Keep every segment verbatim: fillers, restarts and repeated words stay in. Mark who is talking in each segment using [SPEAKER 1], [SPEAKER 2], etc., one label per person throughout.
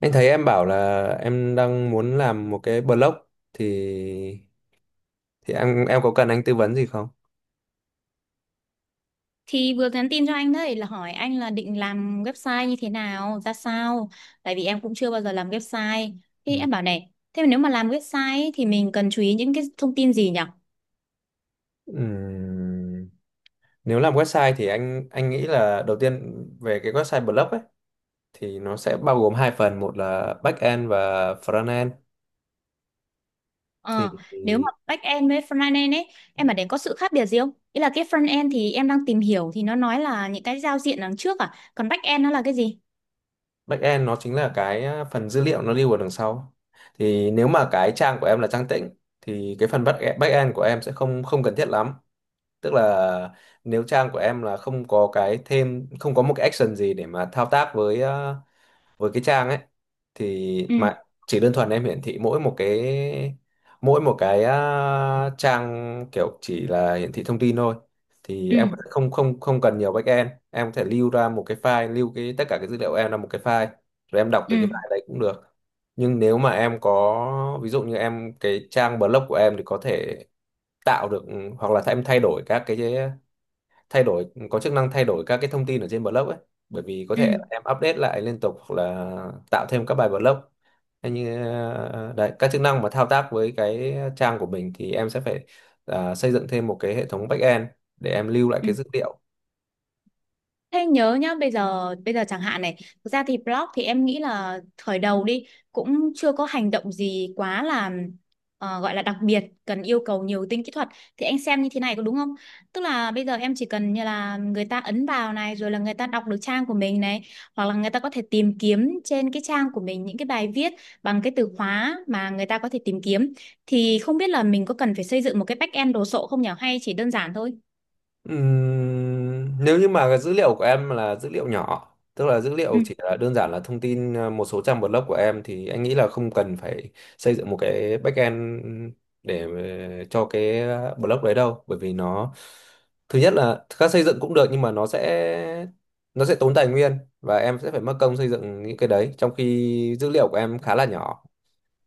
[SPEAKER 1] Anh thấy em bảo là em đang muốn làm một cái blog thì thì em em có cần anh tư vấn gì không?
[SPEAKER 2] Thì vừa nhắn tin cho anh đấy là hỏi anh là định làm website như thế nào, ra sao. Tại vì em cũng chưa bao giờ làm website. Thì
[SPEAKER 1] Ừ.
[SPEAKER 2] em bảo này, thế mà nếu mà làm website ấy, thì mình cần chú ý những cái thông tin gì nhỉ?
[SPEAKER 1] Ừm, Nếu làm website thì anh anh nghĩ là đầu tiên về cái website blog ấy thì nó sẽ bao gồm hai phần, một là back end và front end. Thì,
[SPEAKER 2] Ờ, Nếu mà
[SPEAKER 1] thì
[SPEAKER 2] back end với front end ấy, em bảo đấy có sự khác biệt gì không? Ý là cái front end thì em đang tìm hiểu thì nó nói là những cái giao diện đằng trước à, còn back end nó là cái gì?
[SPEAKER 1] back end nó chính là cái à, phần dữ liệu nó lưu ở đằng sau. Thì nếu mà cái trang của em là trang tĩnh thì cái phần back e, back end của em sẽ không không cần thiết lắm, tức là nếu trang của em là không có cái thêm, không có một cái action gì để mà thao tác với ờ, với cái trang ấy, thì
[SPEAKER 2] Ừ,
[SPEAKER 1] mà chỉ đơn thuần em hiển thị mỗi một cái mỗi một cái à, trang kiểu chỉ là hiển thị thông tin thôi, thì
[SPEAKER 2] ừ,
[SPEAKER 1] em có thể không không không cần nhiều backend, em có thể lưu ra một cái file lưu cái tất cả cái dữ liệu em là một cái file, rồi em đọc từ cái
[SPEAKER 2] ừ,
[SPEAKER 1] file đấy cũng được. Nhưng nếu mà em có ví dụ như em cái trang blog của em thì có thể tạo được, hoặc là em thay đổi các cái thay đổi có chức năng thay đổi các cái thông tin ở trên blog ấy, bởi vì có thể
[SPEAKER 2] ừ,
[SPEAKER 1] em update lại liên tục hoặc là tạo thêm các bài blog. Thế như ờ, đấy, các chức năng mà thao tác với cái trang của mình thì em sẽ phải, ờ, xây dựng thêm một cái hệ thống backend để em lưu lại
[SPEAKER 2] ừ.
[SPEAKER 1] cái dữ liệu.
[SPEAKER 2] Thế nhớ nhá, bây giờ bây giờ chẳng hạn này, thực ra thì blog thì em nghĩ là khởi đầu đi cũng chưa có hành động gì quá là ờ, gọi là đặc biệt, cần yêu cầu nhiều tính kỹ thuật thì anh xem như thế này có đúng không? Tức là bây giờ em chỉ cần như là người ta ấn vào này rồi là người ta đọc được trang của mình này, hoặc là người ta có thể tìm kiếm trên cái trang của mình những cái bài viết bằng cái từ khóa mà người ta có thể tìm kiếm thì không biết là mình có cần phải xây dựng một cái back-end đồ sộ không nhỉ hay chỉ đơn giản thôi?
[SPEAKER 1] Ừm, nếu như mà cái dữ liệu của em là dữ liệu nhỏ, tức là dữ
[SPEAKER 2] Ừ
[SPEAKER 1] liệu chỉ là đơn giản là thông tin, ờ, một số trang blog của em thì anh nghĩ là không cần phải xây dựng một cái backend để ờ, cho cái ờ, blog đấy đâu, bởi vì nó thứ nhất là các xây dựng cũng được nhưng mà nó sẽ nó sẽ tốn tài nguyên và em sẽ phải mất công xây dựng những cái đấy trong khi dữ liệu của em khá là nhỏ.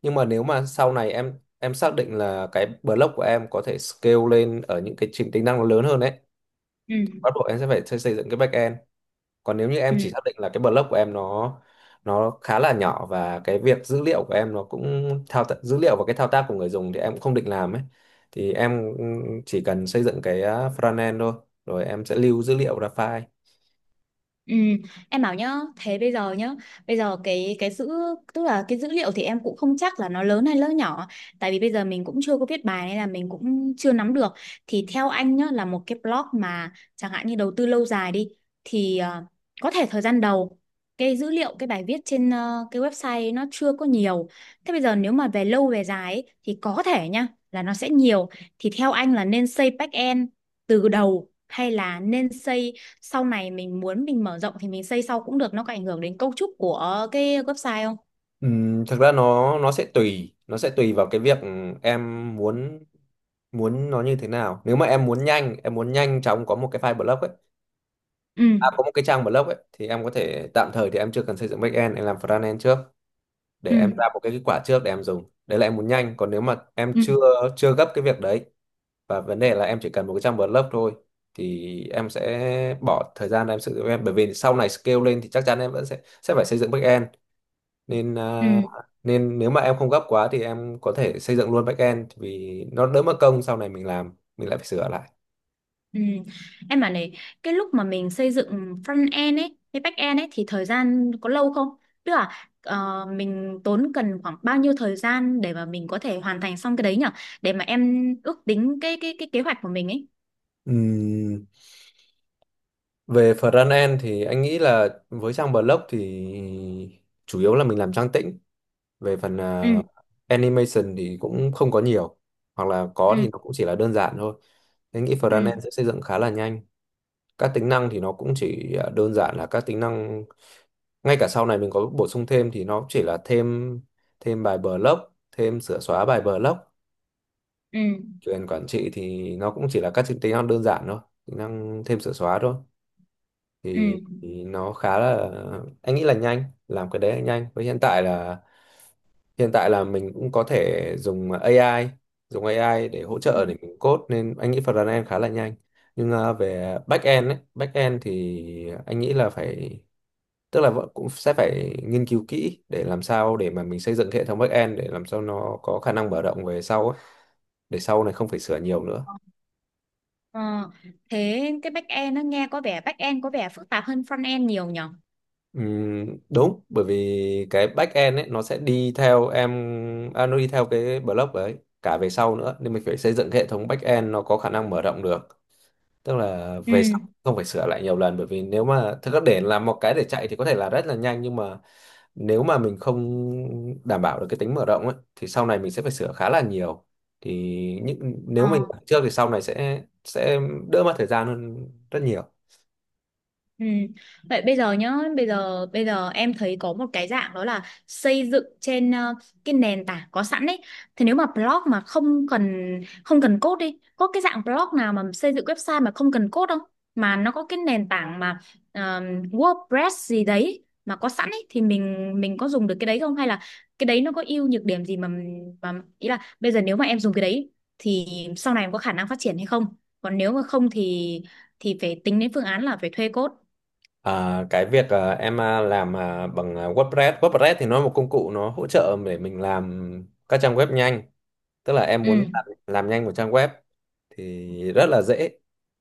[SPEAKER 1] Nhưng mà nếu mà sau này em em xác định là cái blog của em có thể scale lên ở những cái trình tính năng nó lớn hơn ấy,
[SPEAKER 2] ừ.
[SPEAKER 1] bắt buộc em sẽ phải xây xây dựng cái backend. Còn nếu như
[SPEAKER 2] Ừ.
[SPEAKER 1] em chỉ xác định là cái blog của em nó nó khá là nhỏ và cái việc dữ liệu của em nó cũng thao tác dữ liệu và cái thao tác của người dùng thì em cũng không định làm ấy, thì em chỉ cần xây dựng cái uh, frontend thôi, rồi em sẽ lưu dữ liệu ra file.
[SPEAKER 2] Ừ, em bảo nhá, thế bây giờ nhá, bây giờ cái cái dữ tức là cái dữ liệu thì em cũng không chắc là nó lớn hay nó nhỏ, tại vì bây giờ mình cũng chưa có viết bài nên là mình cũng chưa nắm được. Thì theo anh nhá là một cái blog mà chẳng hạn như đầu tư lâu dài đi thì ờ, có thể thời gian đầu cái dữ liệu cái bài viết trên ờ, cái website nó chưa có nhiều. Thế bây giờ nếu mà về lâu về dài ấy, thì có thể nhá là nó sẽ nhiều. Thì theo anh là nên xây back end từ đầu hay là nên xây sau này mình muốn mình mở rộng thì mình xây sau cũng được, nó có ảnh hưởng đến cấu trúc của cái website không?
[SPEAKER 1] Ừm, thực ra nó nó sẽ tùy nó sẽ tùy vào cái việc em muốn, muốn nó như thế nào. Nếu mà em muốn nhanh em muốn nhanh chóng có một cái file blog ấy,
[SPEAKER 2] Ừ,
[SPEAKER 1] à, có một cái trang blog ấy, thì em có thể tạm thời thì em chưa cần xây dựng backend, em làm frontend trước để
[SPEAKER 2] ừ,
[SPEAKER 1] em ra một cái kết quả trước để em dùng, đấy là em muốn nhanh. Còn nếu mà em
[SPEAKER 2] ừ,
[SPEAKER 1] chưa chưa gấp cái việc đấy và vấn đề là em chỉ cần một cái trang word lớp thôi thì em sẽ bỏ thời gian em sử dụng em, bởi vì sau này scale lên thì chắc chắn em vẫn sẽ sẽ phải xây dựng backend, nên à,
[SPEAKER 2] ừ,
[SPEAKER 1] nên nếu mà em không gấp quá thì em có thể xây dựng luôn backend vì nó đỡ mất công sau này mình làm mình lại phải sửa lại.
[SPEAKER 2] ừ. Em bảo này, cái lúc mà mình xây dựng front end ấy với back end ấy thì thời gian có lâu không, tức là ờ, mình tốn cần khoảng bao nhiêu thời gian để mà mình có thể hoàn thành xong cái đấy nhở, để mà em ước tính cái cái cái kế hoạch của mình ấy.
[SPEAKER 1] Ừm, Về front end thì anh nghĩ là với trang blog thì chủ yếu là mình làm trang tĩnh, về phần
[SPEAKER 2] Ừ,
[SPEAKER 1] ờ, animation thì cũng không có nhiều, hoặc là có
[SPEAKER 2] ừ,
[SPEAKER 1] thì nó cũng chỉ là đơn giản thôi. Thế nghĩ
[SPEAKER 2] ừ,
[SPEAKER 1] frontend sẽ xây dựng khá là nhanh. Các tính năng thì nó cũng chỉ ờ, đơn giản là các tính năng, ngay cả sau này mình có bổ sung thêm thì nó chỉ là thêm, thêm bài block, thêm sửa xóa bài block.
[SPEAKER 2] ừ,
[SPEAKER 1] Quyền quản trị thì nó cũng chỉ là các tính năng đơn giản thôi, tính năng thêm sửa xóa thôi.
[SPEAKER 2] ừ.
[SPEAKER 1] Thì, thì nó khá là, anh nghĩ là nhanh, làm cái đấy nhanh. Với hiện tại là hiện tại là mình cũng có thể dùng a i dùng a i để hỗ trợ để mình code, nên anh nghĩ front end khá là nhanh, nhưng à, về back end ấy, back end thì anh nghĩ là phải, tức là vẫn cũng sẽ phải nghiên cứu kỹ để làm sao để mà mình xây dựng cái hệ thống back end để làm sao nó có khả năng mở rộng về sau ấy, để sau này không phải sửa nhiều nữa.
[SPEAKER 2] Ờ, thế cái back end nó nghe có vẻ back end có vẻ phức tạp hơn front end nhiều nhỉ?
[SPEAKER 1] Ừm, đúng, bởi vì cái back end ấy nó sẽ đi theo em, à, nó đi theo cái block ấy cả về sau nữa, nên mình phải xây dựng cái hệ thống back end nó có khả năng mở rộng được, tức là về sau
[SPEAKER 2] Ừ.
[SPEAKER 1] không phải sửa lại nhiều lần, bởi vì nếu mà thực ra để làm một cái để chạy thì có thể là rất là nhanh, nhưng mà nếu mà mình không đảm bảo được cái tính mở rộng ấy thì sau này mình sẽ phải sửa khá là nhiều, thì những nếu mình
[SPEAKER 2] Ờ.
[SPEAKER 1] làm trước thì sau này sẽ sẽ đỡ mất thời gian hơn rất nhiều.
[SPEAKER 2] Ừ. Vậy bây giờ nhá, bây giờ bây giờ em thấy có một cái dạng đó là xây dựng trên ờ, cái nền tảng có sẵn ấy. Thì nếu mà blog mà không cần không cần code đi, có cái dạng blog nào mà xây dựng website mà không cần code không? Mà nó có cái nền tảng mà ờ, WordPress gì đấy mà có sẵn ấy thì mình mình có dùng được cái đấy không hay là cái đấy nó có ưu nhược điểm gì mà mà ý là bây giờ nếu mà em dùng cái đấy thì sau này em có khả năng phát triển hay không? Còn nếu mà không thì thì phải tính đến phương án là phải thuê code.
[SPEAKER 1] À, cái việc, à, em, à, làm, à, bằng, à, WordPress WordPress thì nó là một công cụ nó hỗ trợ để mình làm các trang web nhanh, tức là em muốn làm,
[SPEAKER 2] Ừ,
[SPEAKER 1] làm nhanh một trang web thì rất là dễ,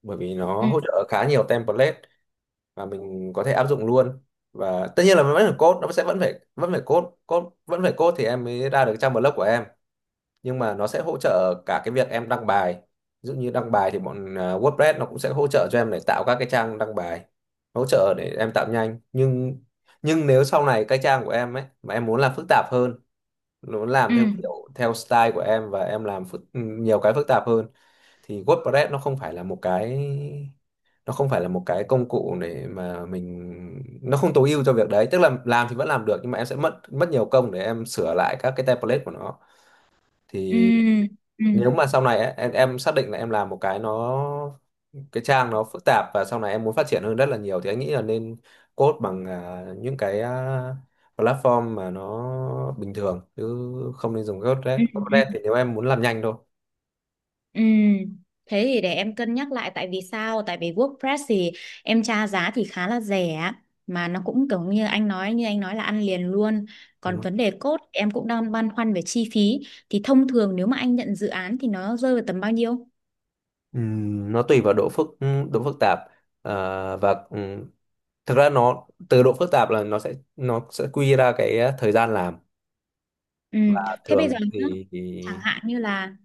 [SPEAKER 1] bởi vì nó
[SPEAKER 2] ừ,
[SPEAKER 1] hỗ trợ khá nhiều template và mình có thể áp dụng luôn, và tất nhiên là vẫn phải code, nó sẽ vẫn phải vẫn phải code code vẫn phải code thì em mới ra được trang blog của em, nhưng mà nó sẽ hỗ trợ cả cái việc em đăng bài, ví dụ như đăng bài thì bọn à, WordPress nó cũng sẽ hỗ trợ cho em để tạo các cái trang đăng bài, hỗ trợ để em tạo nhanh, nhưng nhưng nếu sau này cái trang của em ấy mà em muốn làm phức tạp hơn, muốn làm
[SPEAKER 2] ừ,
[SPEAKER 1] theo kiểu theo style của em và em làm phức, nhiều cái phức tạp hơn, thì WordPress nó không phải là một cái nó không phải là một cái công cụ để mà mình, nó không tối ưu cho việc đấy, tức là làm thì vẫn làm được nhưng mà em sẽ mất mất nhiều công để em sửa lại các cái template của nó.
[SPEAKER 2] ừ,
[SPEAKER 1] Thì
[SPEAKER 2] ừ,
[SPEAKER 1] nếu mà sau này ấy, em em xác định là em làm một cái nó cái trang nó phức tạp và sau này em muốn phát triển hơn rất là nhiều, thì anh nghĩ là nên code bằng, à, những cái, à, platform mà nó bình thường chứ không nên dùng Code-Red.
[SPEAKER 2] ừ,
[SPEAKER 1] Code-Red
[SPEAKER 2] ừ,
[SPEAKER 1] thì nếu em muốn làm nhanh thôi.
[SPEAKER 2] ừ. Thế thì để em cân nhắc lại tại vì sao? Tại vì WordPress thì em tra giá thì khá là rẻ, mà nó cũng kiểu như anh nói, như anh nói là ăn liền luôn.
[SPEAKER 1] Đúng
[SPEAKER 2] Còn
[SPEAKER 1] không?
[SPEAKER 2] vấn đề code em cũng đang băn khoăn về chi phí, thì thông thường nếu mà anh nhận dự án thì nó rơi vào tầm bao nhiêu?
[SPEAKER 1] Ừm, nó tùy vào độ phức độ phức tạp, à, và thực ra nó từ độ phức tạp là nó sẽ nó sẽ quy ra cái, ờ, thời gian làm,
[SPEAKER 2] Ừ.
[SPEAKER 1] và
[SPEAKER 2] Thế bây giờ
[SPEAKER 1] thường
[SPEAKER 2] nhá,
[SPEAKER 1] thì, thì
[SPEAKER 2] chẳng hạn như là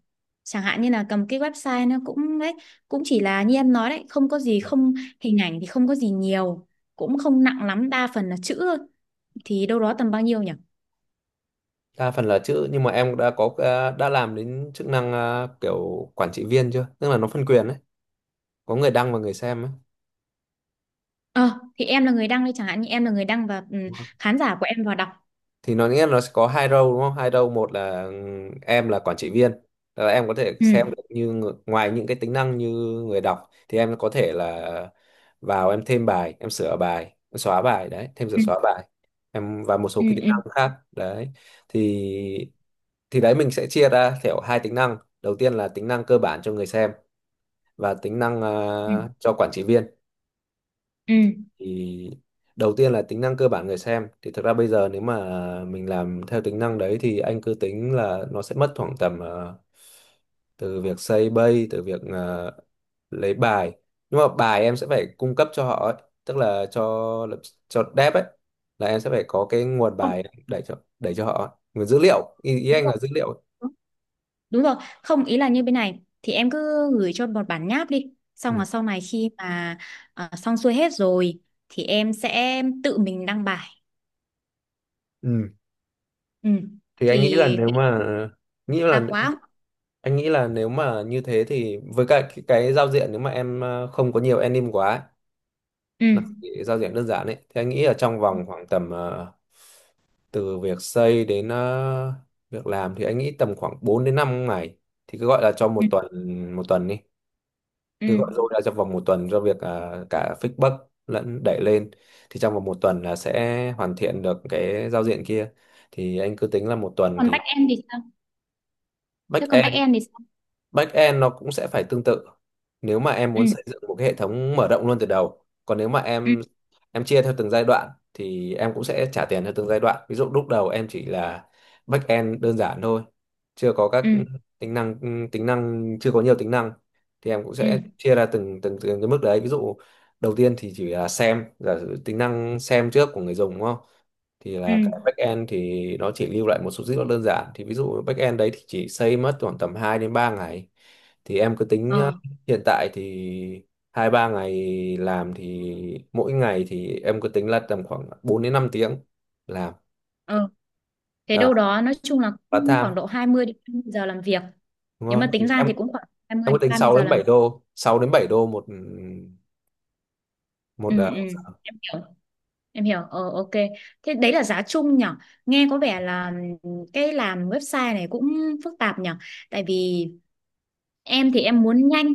[SPEAKER 2] chẳng hạn như là cầm cái website nó cũng đấy, cũng chỉ là như em nói đấy, không có gì, không hình ảnh thì không có gì nhiều, cũng không nặng lắm, đa phần là chữ thôi, thì đâu đó tầm bao nhiêu nhỉ?
[SPEAKER 1] đa phần là chữ, nhưng mà em đã có, ờ, đã làm đến chức năng, ờ, kiểu quản trị viên chưa? Tức là nó phân quyền đấy, có người đăng và người xem
[SPEAKER 2] Ờ thì em là người đăng đi, chẳng hạn như em là người đăng và ừ,
[SPEAKER 1] ấy,
[SPEAKER 2] khán giả của em vào đọc.
[SPEAKER 1] thì nó nghĩa là nó sẽ có hai role, đúng không? Hai role, một là, ừm, em là quản trị viên. Tức là em có thể
[SPEAKER 2] Ừ,
[SPEAKER 1] xem được như ng- ngoài những cái tính năng như người đọc thì em có thể là vào, em thêm bài, em sửa bài, em xóa bài đấy, thêm sửa
[SPEAKER 2] ừ,
[SPEAKER 1] xóa bài, em và một số
[SPEAKER 2] ừ,
[SPEAKER 1] cái tính
[SPEAKER 2] ừ,
[SPEAKER 1] năng khác đấy. Thì thì đấy, mình sẽ chia ra theo hai tính năng, đầu tiên là tính năng cơ bản cho người xem, và tính năng
[SPEAKER 2] ừ,
[SPEAKER 1] ờ, cho quản trị viên.
[SPEAKER 2] ừ.
[SPEAKER 1] Thì đầu tiên là tính năng cơ bản người xem, thì thực ra bây giờ nếu mà mình làm theo tính năng đấy thì anh cứ tính là nó sẽ mất khoảng tầm, ờ, từ việc xây bay từ việc, ờ, lấy bài. Nhưng mà bài em sẽ phải cung cấp cho họ ấy, tức là cho, cho dev ấy, là em sẽ phải có cái nguồn
[SPEAKER 2] Không,
[SPEAKER 1] bài đẩy cho, đẩy cho họ ấy. Nguồn dữ liệu, ý, ý
[SPEAKER 2] đúng
[SPEAKER 1] anh
[SPEAKER 2] rồi,
[SPEAKER 1] là dữ liệu ấy.
[SPEAKER 2] đúng, đúng rồi, không ý là như bên này thì em cứ gửi cho một bản nháp đi, xong là
[SPEAKER 1] Ừ.
[SPEAKER 2] sau này khi mà ờ, xong xuôi hết rồi thì em sẽ tự mình đăng bài.
[SPEAKER 1] Ừ.
[SPEAKER 2] Ừ
[SPEAKER 1] thì anh nghĩ
[SPEAKER 2] thì
[SPEAKER 1] là nếu mà nghĩ là
[SPEAKER 2] tạp quá không?
[SPEAKER 1] Anh nghĩ là nếu mà như thế thì với cả cái, cái giao diện nếu mà em, ờ, không có nhiều anim quá ấy,
[SPEAKER 2] Ừ,
[SPEAKER 1] nó chỉ giao diện đơn giản ấy thì anh nghĩ là trong vòng khoảng tầm, ờ, từ việc xây đến, ờ, việc làm, thì anh nghĩ tầm khoảng bốn đến năm ngày, thì cứ gọi là cho một
[SPEAKER 2] ừ,
[SPEAKER 1] tuần một tuần đi,
[SPEAKER 2] ừ,
[SPEAKER 1] cứ gọi rồi ra trong vòng một tuần cho việc, ờ, cả fixbox lẫn đẩy lên, thì trong vòng một tuần là sẽ hoàn thiện được cái giao diện kia, thì anh cứ tính là một tuần.
[SPEAKER 2] còn
[SPEAKER 1] Thì
[SPEAKER 2] back end thì sao, thế còn back
[SPEAKER 1] backend.
[SPEAKER 2] end thì sao
[SPEAKER 1] Backend nó cũng sẽ phải tương tự. Nếu mà em
[SPEAKER 2] Ừ,
[SPEAKER 1] muốn xây dựng một cái hệ thống mở rộng luôn từ đầu, còn nếu mà
[SPEAKER 2] ừ,
[SPEAKER 1] em em chia theo từng giai đoạn thì em cũng sẽ trả tiền theo từng giai đoạn. Ví dụ lúc đầu em chỉ là backend đơn giản thôi, chưa có các
[SPEAKER 2] ừ,
[SPEAKER 1] tính năng, tính năng chưa có nhiều tính năng, thì em cũng
[SPEAKER 2] ừ,
[SPEAKER 1] sẽ chia ra từng từng từng cái mức đấy. Ví dụ đầu tiên thì chỉ là xem, giả sử tính năng xem trước của người dùng, đúng không? Thì
[SPEAKER 2] ừ,
[SPEAKER 1] là cái backend thì nó chỉ lưu lại một số dữ liệu đơn giản, thì ví dụ backend đấy thì chỉ xây mất khoảng tầm hai đến ba ngày. Thì em cứ tính, ờ,
[SPEAKER 2] ờ,
[SPEAKER 1] hiện tại thì hai ba ngày làm, thì mỗi ngày thì em cứ tính là tầm khoảng bốn đến năm tiếng làm,
[SPEAKER 2] ờ, thế đâu
[SPEAKER 1] à,
[SPEAKER 2] đó nói chung là
[SPEAKER 1] part
[SPEAKER 2] cũng khoảng
[SPEAKER 1] time,
[SPEAKER 2] độ hai mươi đến ba mươi giờ làm việc,
[SPEAKER 1] đúng
[SPEAKER 2] nếu
[SPEAKER 1] không?
[SPEAKER 2] mà
[SPEAKER 1] Thì
[SPEAKER 2] tính ra
[SPEAKER 1] em
[SPEAKER 2] thì cũng khoảng hai mươi
[SPEAKER 1] em cứ
[SPEAKER 2] đến
[SPEAKER 1] tính
[SPEAKER 2] ba mươi
[SPEAKER 1] sáu
[SPEAKER 2] giờ
[SPEAKER 1] đến
[SPEAKER 2] làm.
[SPEAKER 1] bảy đô sáu đến bảy đô một một,
[SPEAKER 2] Ừ,
[SPEAKER 1] ờ,
[SPEAKER 2] ừ,
[SPEAKER 1] một giờ.
[SPEAKER 2] em hiểu, em hiểu Ờ, ok, thế đấy là giá chung nhở, nghe có vẻ là cái làm website này cũng phức tạp nhở, tại vì em thì em muốn nhanh,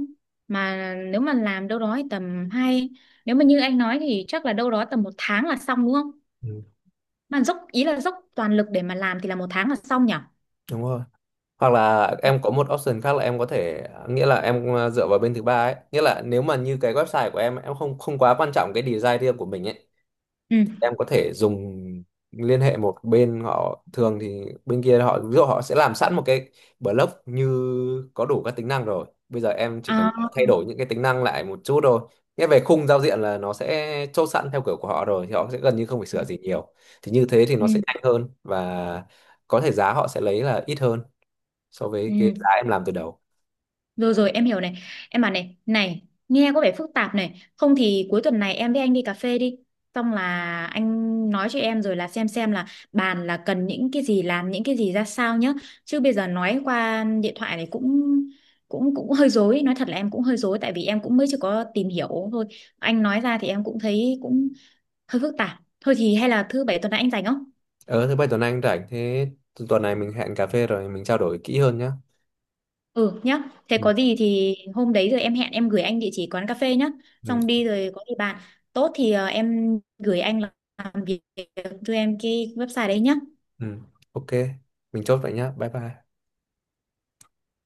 [SPEAKER 2] mà nếu mà làm đâu đó thì tầm hai, nếu mà như anh nói thì chắc là đâu đó tầm một tháng là xong đúng không,
[SPEAKER 1] Ừ,
[SPEAKER 2] mà dốc ý là dốc toàn lực để mà làm thì là một tháng là xong nhỉ?
[SPEAKER 1] đúng rồi, hoặc là em có một option khác là em có thể, nghĩa là em, ờ, dựa vào bên thứ ba ấy, nghĩa là nếu mà như cái website của em em không không quá quan trọng cái design riêng của mình ấy, thì
[SPEAKER 2] Ừ,
[SPEAKER 1] em có thể dùng, liên hệ một bên họ, thường thì bên kia họ ví dụ họ sẽ làm sẵn một cái blog như có đủ các tính năng rồi, bây giờ em chỉ cần thay
[SPEAKER 2] à,
[SPEAKER 1] đổi những cái tính năng lại một chút thôi. Nghĩa về khung giao diện là nó sẽ chốt sẵn theo kiểu của họ rồi thì họ sẽ gần như không phải sửa gì nhiều, thì như thế thì nó sẽ nhanh
[SPEAKER 2] ừ,
[SPEAKER 1] hơn, và có thể giá họ sẽ lấy là ít hơn so với cái
[SPEAKER 2] ừ,
[SPEAKER 1] giá em làm từ đầu.
[SPEAKER 2] rồi rồi em hiểu này, em bảo này, này nghe có vẻ phức tạp này, không thì cuối tuần này em với anh đi cà phê đi, xong là anh nói cho em rồi là xem xem là bàn là cần những cái gì, làm những cái gì ra sao nhá, chứ bây giờ nói qua điện thoại này cũng cũng cũng hơi rối, nói thật là em cũng hơi rối, tại vì em cũng mới chưa có tìm hiểu thôi, anh nói ra thì em cũng thấy cũng hơi phức tạp thôi, thì hay là thứ bảy tuần này anh rảnh không?
[SPEAKER 1] ờ Thứ bảy tuần anh rảnh, thế tu- tuần này mình hẹn cà phê rồi mình trao đổi kỹ hơn nhá.
[SPEAKER 2] Ừ nhá, thế
[SPEAKER 1] Ừ,
[SPEAKER 2] có gì thì hôm đấy rồi em hẹn, em gửi anh địa chỉ quán cà phê nhá.
[SPEAKER 1] ừ,
[SPEAKER 2] Xong đi rồi có gì bạn. Tốt thì ờ, em gửi anh làm việc cho em cái website đấy nhá.
[SPEAKER 1] ừ. Ok, mình chốt vậy nhá. Bye bye.